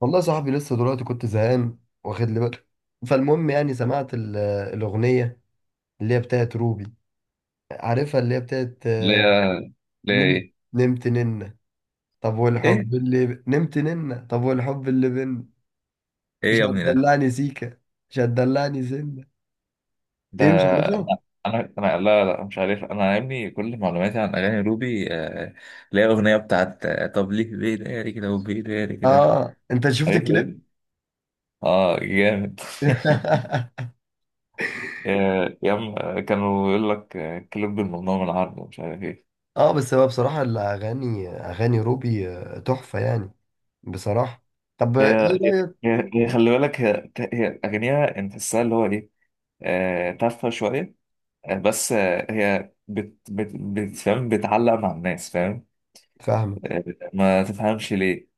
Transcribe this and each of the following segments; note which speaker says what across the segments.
Speaker 1: والله يا صاحبي لسه دلوقتي كنت زهقان واخد لي بالي. فالمهم يعني سمعت الأغنية اللي هي بتاعت روبي، عارفها؟ اللي هي بتاعت
Speaker 2: اللي هي اللي هي
Speaker 1: نمت
Speaker 2: ايه؟
Speaker 1: نمت ننة طب
Speaker 2: ايه
Speaker 1: والحب اللي ب... نمت ننة، طب والحب اللي بينا، مش
Speaker 2: ايه يا ابني ده؟
Speaker 1: هتدلعني سيكة، مش هتدلعني سنة. ايه، مش عارفها؟
Speaker 2: ده انا لا مش عارف، انا يا ابني كل معلوماتي عن اغاني روبي اللي هي اغنيه بتاعت، طب ليه بيداري كده وبيداري كده؟
Speaker 1: اه انت شفت
Speaker 2: عارفها
Speaker 1: الكلام؟
Speaker 2: دي، اه جامد. يا عم، كانوا يقول لك كليب الممنوع من العرض ومش عارف ايه.
Speaker 1: اه، بس هو بصراحة الأغاني، أغاني روبي تحفة يعني، بصراحة. طب ايه
Speaker 2: هي هي
Speaker 1: رأيك؟
Speaker 2: هي خلي بالك، هي اغانيها انت تحسها اللي هو ايه، تافهه شويه، بس هي فاهم بتعلق مع الناس، فاهم؟
Speaker 1: فاهمة.
Speaker 2: ما تفهمش ليه.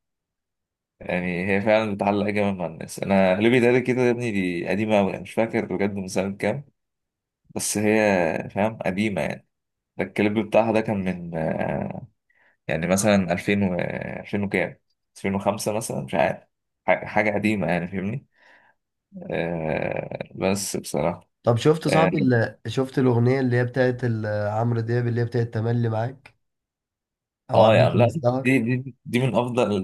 Speaker 2: يعني هي فعلا بتعلق جامد مع الناس، انا اللي بيتقال كده يا ابني دي قديمه قوي، مش فاكر بجد من سنه كام، بس هي فاهم قديمه يعني. ده الكليب بتاعها ده كان من يعني مثلا 2000 و 2000 وكام، 2005 مثلا مش عارف، حاجه قديمه يعني فاهمني. آه بس بصراحه
Speaker 1: طب شفت
Speaker 2: اه،
Speaker 1: صاحبي، اللي شفت الأغنية اللي هي بتاعت عمرو دياب، اللي هي بتاعت تملي معاك أو
Speaker 2: يعني
Speaker 1: أماكن
Speaker 2: لا،
Speaker 1: السهر؟
Speaker 2: دي من افضل،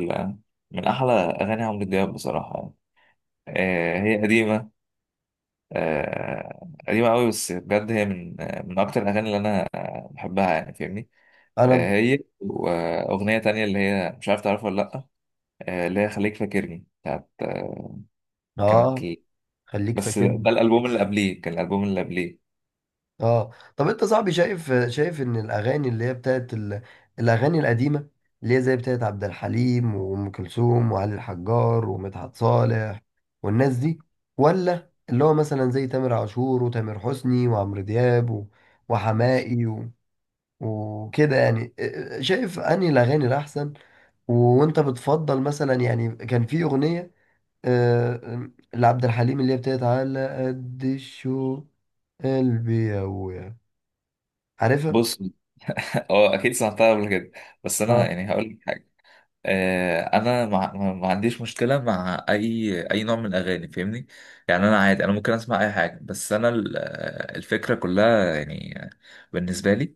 Speaker 2: من احلى اغاني عمرو دياب بصراحه يعني. آه هي قديمه، قديمة قوي، بس بجد هي من، من أكتر الأغاني اللي أنا بحبها يعني فاهمني.
Speaker 1: أنا
Speaker 2: هي وأغنية تانية اللي هي مش عارف تعرفها ولا لأ، اللي هي خليك فاكرني بتاعت، كانت
Speaker 1: آه، خليك
Speaker 2: بس ده
Speaker 1: فاكرني
Speaker 2: الألبوم اللي قبليه، كان الألبوم اللي قبليه.
Speaker 1: آه. طب أنت صاحبي شايف، شايف إن الأغاني اللي هي بتاعت ال... الأغاني القديمة اللي هي زي بتاعت عبد الحليم وأم كلثوم وعلي الحجار ومدحت صالح والناس دي، ولا اللي هو مثلا زي تامر عاشور وتامر حسني وعمرو دياب و... وحماقي و... وكده يعني، شايف أنهي الأغاني الأحسن؟ وانت بتفضل مثلا؟ يعني كان في اغنيه لعبد الحليم، اللي هي بتاعت على قد الشوق، قلبي يويا، عارفها؟
Speaker 2: بص، اه أكيد سمعتها قبل كده، بس أنا
Speaker 1: اه.
Speaker 2: يعني هقول لك حاجة. أنا ما عنديش مشكلة مع أي نوع من الأغاني فاهمني، يعني أنا عادي، أنا ممكن أسمع أي حاجة، بس أنا الفكرة كلها يعني بالنسبة لي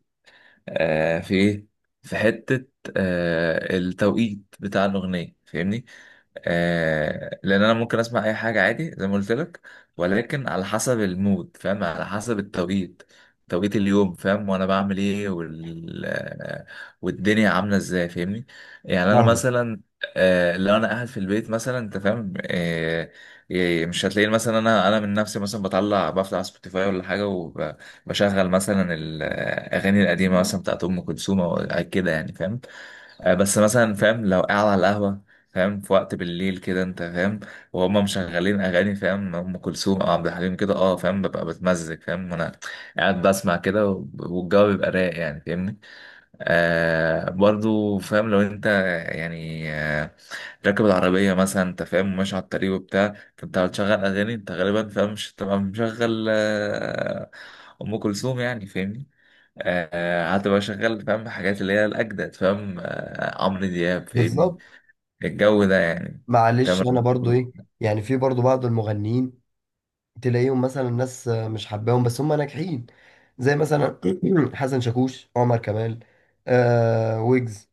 Speaker 2: آه في ايه، في حتة التوقيت بتاع الأغنية فاهمني. آه لان انا ممكن اسمع اي حاجه عادي زي ما قلت لك، ولكن على حسب المود، فاهم؟ على حسب التوقيت، توقيت اليوم فاهم، وانا بعمل ايه والدنيا عامله ازاي فاهمني. يعني انا
Speaker 1: نعم.
Speaker 2: مثلا لو انا قاعد في البيت مثلا، انت فاهم؟ آه إيه، مش هتلاقيني مثلا انا من نفسي مثلا بطلع بفتح سبوتيفاي ولا حاجه وبشغل مثلا الاغاني القديمه مثلا بتاعت ام كلثوم او كده، يعني فاهم؟ بس مثلا فاهم لو قاعد على القهوة، فاهم؟ في وقت بالليل كده انت فاهم، وهم مشغلين اغاني فاهم، ام كلثوم او عبد الحليم كده، اه فاهم ببقى بتمزج فاهم، وانا قاعد بسمع كده والجو بيبقى رايق يعني فاهمني. برضو فاهم لو انت يعني راكب العربية مثلا انت فاهم، ماشي على الطريق وبتاع، فانت بتشغل اغاني انت غالبا فاهم مش تبقى مشغل ام كلثوم يعني فاهمني. قعدت بقى شغال فاهم حاجات اللي هي الأجدد فاهم، عمرو دياب فاهمني،
Speaker 1: بالظبط.
Speaker 2: الجو ده يعني.
Speaker 1: معلش
Speaker 2: تامر
Speaker 1: انا برضو
Speaker 2: عاشور.
Speaker 1: ايه، يعني في برضو بعض المغنيين تلاقيهم مثلا، ناس مش حباهم بس هم ناجحين، زي مثلا حسن شاكوش، عمر كمال، آه، ويجز.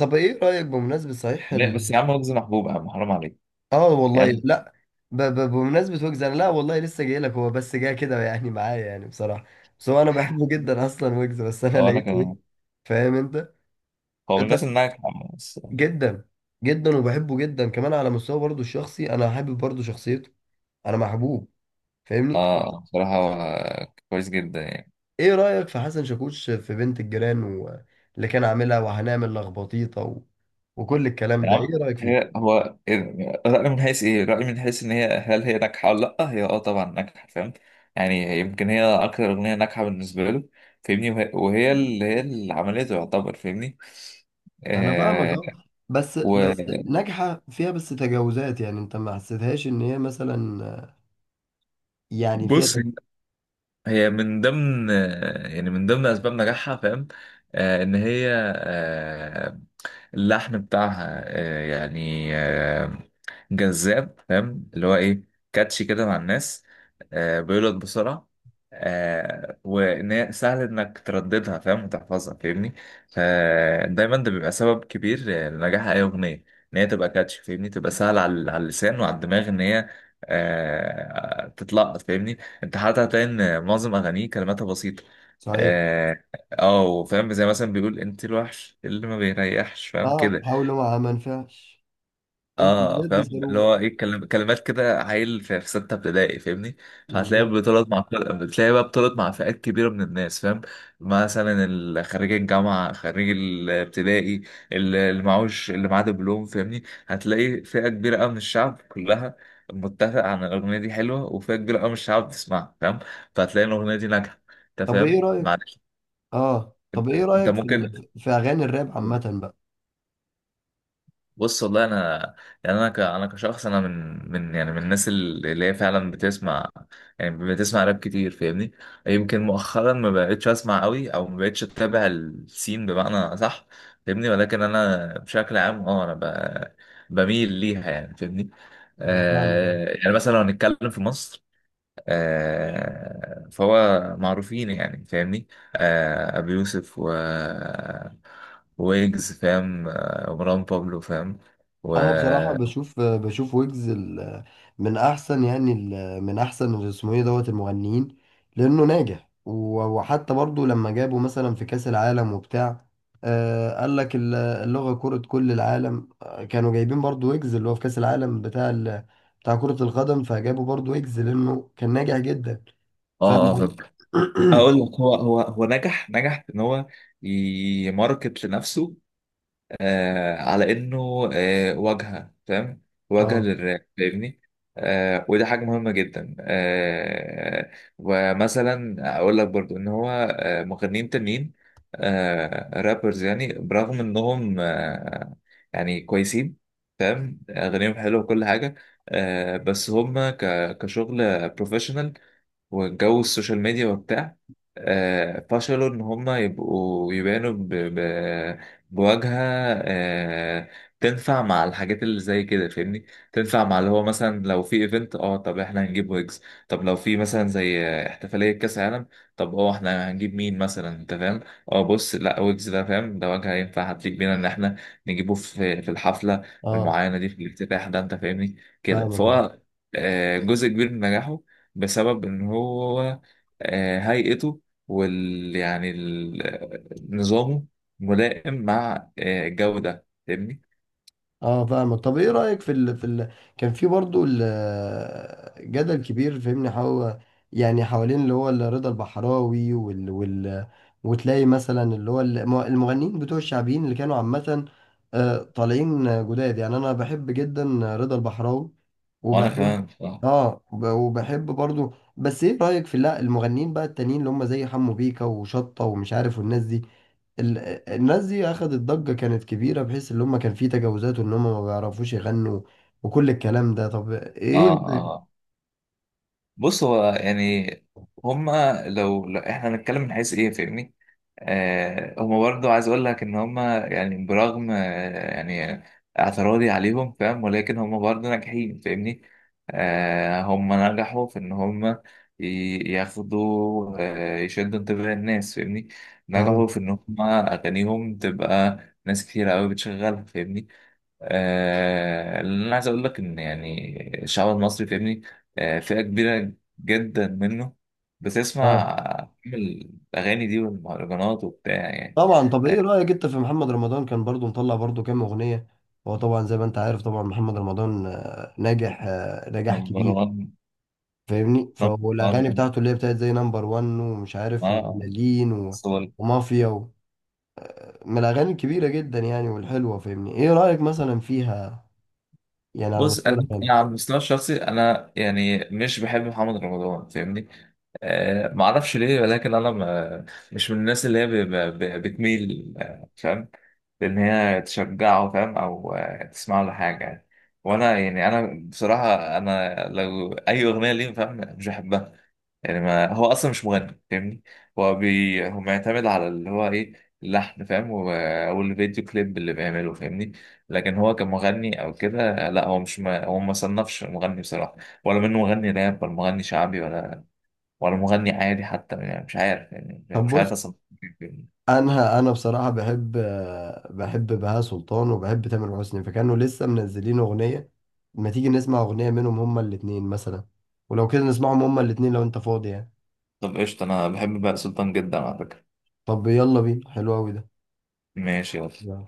Speaker 1: طب ايه رأيك بمناسبة صحيح،
Speaker 2: لا بس يا عم رز محبوب، يا عم حرام عليك
Speaker 1: اه والله
Speaker 2: يعني.
Speaker 1: لا ب ب بمناسبة ويجز، انا لا والله لسه جاي لك، هو بس جاي كده يعني معايا، يعني بصراحة، بس هو انا بحبه جدا اصلا ويجز، بس انا
Speaker 2: هو أنا
Speaker 1: لقيته إيه؟
Speaker 2: كمان،
Speaker 1: فاهم انت؟
Speaker 2: هو من
Speaker 1: انت
Speaker 2: الناس اللي ناجحة بس.
Speaker 1: جدا جدا، وبحبه جدا كمان على مستوى برضه الشخصي، انا حابب برضه شخصيته، انا محبوب، فاهمني؟
Speaker 2: بصراحة هو كويس جدا يعني.
Speaker 1: ايه رأيك في حسن شاكوش في بنت الجيران و... اللي كان عاملها، وهنعمل لخبطيطة و... وكل الكلام ده،
Speaker 2: تمام،
Speaker 1: ايه رأيك فيه؟
Speaker 2: هي هو إيه رأي من حيث ايه، رأي من حيث ان هي، هل هي ناجحة ولا لا؟ هي اه طبعا ناجحة فاهم، يعني هي يمكن هي اكتر اغنية ناجحة بالنسبة له فاهمني، وهي اللي هي اللي عملته يعتبر فاهمني.
Speaker 1: انا فاهمك،
Speaker 2: آه
Speaker 1: اه، بس بس ناجحه فيها، بس تجاوزات. يعني انت ما حسيتهاش ان هي مثلا يعني فيها
Speaker 2: وبص،
Speaker 1: تجاوز؟
Speaker 2: هي من ضمن، يعني من ضمن اسباب نجاحها فاهم، ان هي اللحم بتاعها يعني جذاب، فاهم؟ اللي هو ايه، كاتشي كده مع الناس، بيولد بسرعة، وان هي سهل انك ترددها فاهم وتحفظها فاهمني. فدايما ده بيبقى سبب كبير لنجاح اي اغنية، ان هي تبقى كاتشي فاهمني، تبقى سهل على على اللسان وعلى الدماغ ان هي تتلقط فاهمني. انت حتى هتلاقي ان معظم اغانيه كلماتها بسيطه،
Speaker 1: صحيح.
Speaker 2: اه، وفاهم زي مثلا بيقول انت الوحش اللي ما بيريحش فاهم
Speaker 1: اه
Speaker 2: كده.
Speaker 1: حاولوا معاها ما نفعش. انتوا
Speaker 2: اه
Speaker 1: بجد
Speaker 2: فاهم اللي
Speaker 1: ساروه.
Speaker 2: هو ايه كلمات كده عيل في في سته ابتدائي فاهمني. فهتلاقيها
Speaker 1: بالظبط.
Speaker 2: بتطلع مع بتلاقيها بقى بتطلع مع فئات كبيره من الناس فاهم، مثلا خريج الجامعه، خريج الابتدائي، اللي معهوش، اللي معاه دبلوم فاهمني، هتلاقي فئه كبيره قوي من الشعب كلها متفق عن الاغنيه دي حلوه، وفئه كبيره قوي من الشعب بتسمعها فاهم، فهتلاقي الاغنيه دي ناجحه انت
Speaker 1: طب ايه
Speaker 2: فاهم،
Speaker 1: رايك،
Speaker 2: معلش.
Speaker 1: اه طب ايه
Speaker 2: انت
Speaker 1: رايك في
Speaker 2: ممكن
Speaker 1: في اغاني الراب عامه بقى؟
Speaker 2: بص والله انا يعني انا كشخص، انا من يعني من الناس اللي هي فعلا بتسمع، يعني بتسمع راب كتير فاهمني. يمكن مؤخرا ما بقتش اسمع قوي او ما بقتش اتابع السين بمعنى صح فاهمني، ولكن انا بشكل عام اه بميل ليها يعني فاهمني.
Speaker 1: يعني فاهمك.
Speaker 2: يعني مثلا لو هنتكلم في مصر، فهو معروفين يعني فاهمني، ابي يوسف و ويجز فاهم، مروان بابلو فاهم و
Speaker 1: انا بصراحه
Speaker 2: اه،
Speaker 1: بشوف، بشوف ويجز من احسن، يعني من احسن اللي اسمه ايه، دوت المغنيين، لانه ناجح وحتى برضو لما جابوا مثلا في كاس العالم وبتاع، آه قال لك اللغه، كره كل العالم، كانوا جايبين برضو ويجز، اللي هو في كاس العالم بتاع بتاع كره القدم، فجابوا برضو ويجز لانه كان ناجح جدا.
Speaker 2: اه
Speaker 1: فاهم؟
Speaker 2: فاهم. هقول لك هو هو نجح، نجح في ان هو يماركت لنفسه على انه واجهه فاهم، واجهه
Speaker 1: اه.
Speaker 2: للراب فاهمني. وده حاجه مهمه جدا، ومثلا اقول لك برضو ان هو مغنيين تانيين، رابرز يعني برغم انهم يعني كويسين فاهم، اغانيهم حلوه وكل حاجه بس هم كشغل بروفيشنال وجو السوشيال ميديا وبتاع فشلوا إن هما يبقوا يبانوا بواجهة آه، تنفع مع الحاجات اللي زي كده فاهمني. تنفع مع اللي هو مثلا لو في ايفنت، اه طب احنا هنجيب ويجز. طب لو في مثلا زي احتفالية كأس عالم، طب اه احنا هنجيب مين مثلا انت فاهم؟ اه بص لا، ويجز ده فاهم، ده واجهة ينفع هتليق بينا ان احنا نجيبه في الحفلة
Speaker 1: اه
Speaker 2: المعينة دي، في الافتتاح ده انت فاهمني. كده
Speaker 1: فاهمك.
Speaker 2: فهو جزء كبير من نجاحه بسبب ان هو هيئته وال يعني نظامه ملائم مع الجو ده فاهمني.
Speaker 1: اه فاهمك. طب ايه رأيك في ال... في ال... كان في برضو ال... جدل كبير فهمني، يعني حوالين اللي هو رضا البحراوي وال... وال... وتلاقي مثلا اللي هو المغنيين بتوع الشعبيين اللي كانوا عامة طالعين جداد. يعني انا بحب جدا رضا البحراوي
Speaker 2: وانا
Speaker 1: وبحب.
Speaker 2: كمان بصراحة.
Speaker 1: اه وبحب برضو، بس ايه رأيك في لا المغنيين بقى التانيين اللي هم زي حمو بيكا وشطة ومش عارف والناس دي، ال- الناس دي اخدت ضجة كانت كبيرة، بحيث ان هم كان في تجاوزات وان هم ما بيعرفوش يغنوا، وكل الكلام ده. طب
Speaker 2: اه
Speaker 1: ايه رأيك؟
Speaker 2: بص هو يعني هما لو، لو احنا هنتكلم من حيث ايه فاهمني، هما برضو عايز اقول لك ان هما يعني برغم يعني اعتراضي عليهم فاهم، ولكن هما برضو ناجحين فاهمني. هما نجحوا في ان هما ياخدوا يشدوا انتباه الناس فاهمني.
Speaker 1: صحيح.
Speaker 2: نجحوا في ان هما اغانيهم تبقى ناس كتير قوي بتشغلها فاهمني. اللي انا عايز اقول لك ان يعني الشعب المصري فاهمني، فئه كبيره جدا منه
Speaker 1: اه
Speaker 2: بتسمع الاغاني دي والمهرجانات وبتاع يعني.
Speaker 1: طبعا. طب ايه
Speaker 2: آه،
Speaker 1: رأيك انت في محمد رمضان؟ كان برضو مطلع برضو كام اغنية. هو طبعا زي ما انت عارف، طبعا محمد رمضان ناجح، نجاح
Speaker 2: نمبر
Speaker 1: كبير،
Speaker 2: 1،
Speaker 1: فاهمني؟
Speaker 2: نمبر 1،
Speaker 1: فالاغاني بتاعته اللي هي بتاعت زي نمبر وان ومش عارف،
Speaker 2: اه
Speaker 1: وبلالين ومافيا و... من الاغاني الكبيرة جدا يعني، والحلوة، فاهمني؟ ايه رأيك مثلا فيها، يعني على
Speaker 2: بص
Speaker 1: مستوى
Speaker 2: انا
Speaker 1: الاغاني؟
Speaker 2: أنا على المستوى الشخصي انا يعني مش بحب محمد رمضان فاهمني. ما اعرفش ليه، ولكن انا ما، مش من الناس اللي هي بتميل فاهم لان هي تشجعه فاهم، او تسمع له حاجه يعني. وانا يعني انا بصراحه انا لو اي اغنيه ليه فاهم مش بحبها، يعني ما هو اصلا مش مغني فاهمني. هو معتمد على اللي هو ايه، اللحن فاهم، والفيديو كليب اللي بيعمله فاهمني. لكن هو كمغني او كده لا، هو مش، ما هو ما صنفش مغني بصراحه، ولا منه مغني راب ولا مغني شعبي ولا ولا مغني عادي حتى يعني، مش عارف يعني
Speaker 1: طب
Speaker 2: مش عارف
Speaker 1: بص
Speaker 2: اصلا.
Speaker 1: انا بصراحه بحب، بحب بهاء سلطان وبحب تامر حسني، فكانوا لسه منزلين اغنيه، ما تيجي نسمع اغنيه منهم هما الاتنين مثلا؟ ولو كده نسمعهم هما الاتنين لو انت فاضي يعني.
Speaker 2: طب قشطه، انا بحب بقى سلطان جدا على فكره،
Speaker 1: طب يلا بينا، حلو قوي ده.
Speaker 2: ماشي يلا.
Speaker 1: يلا.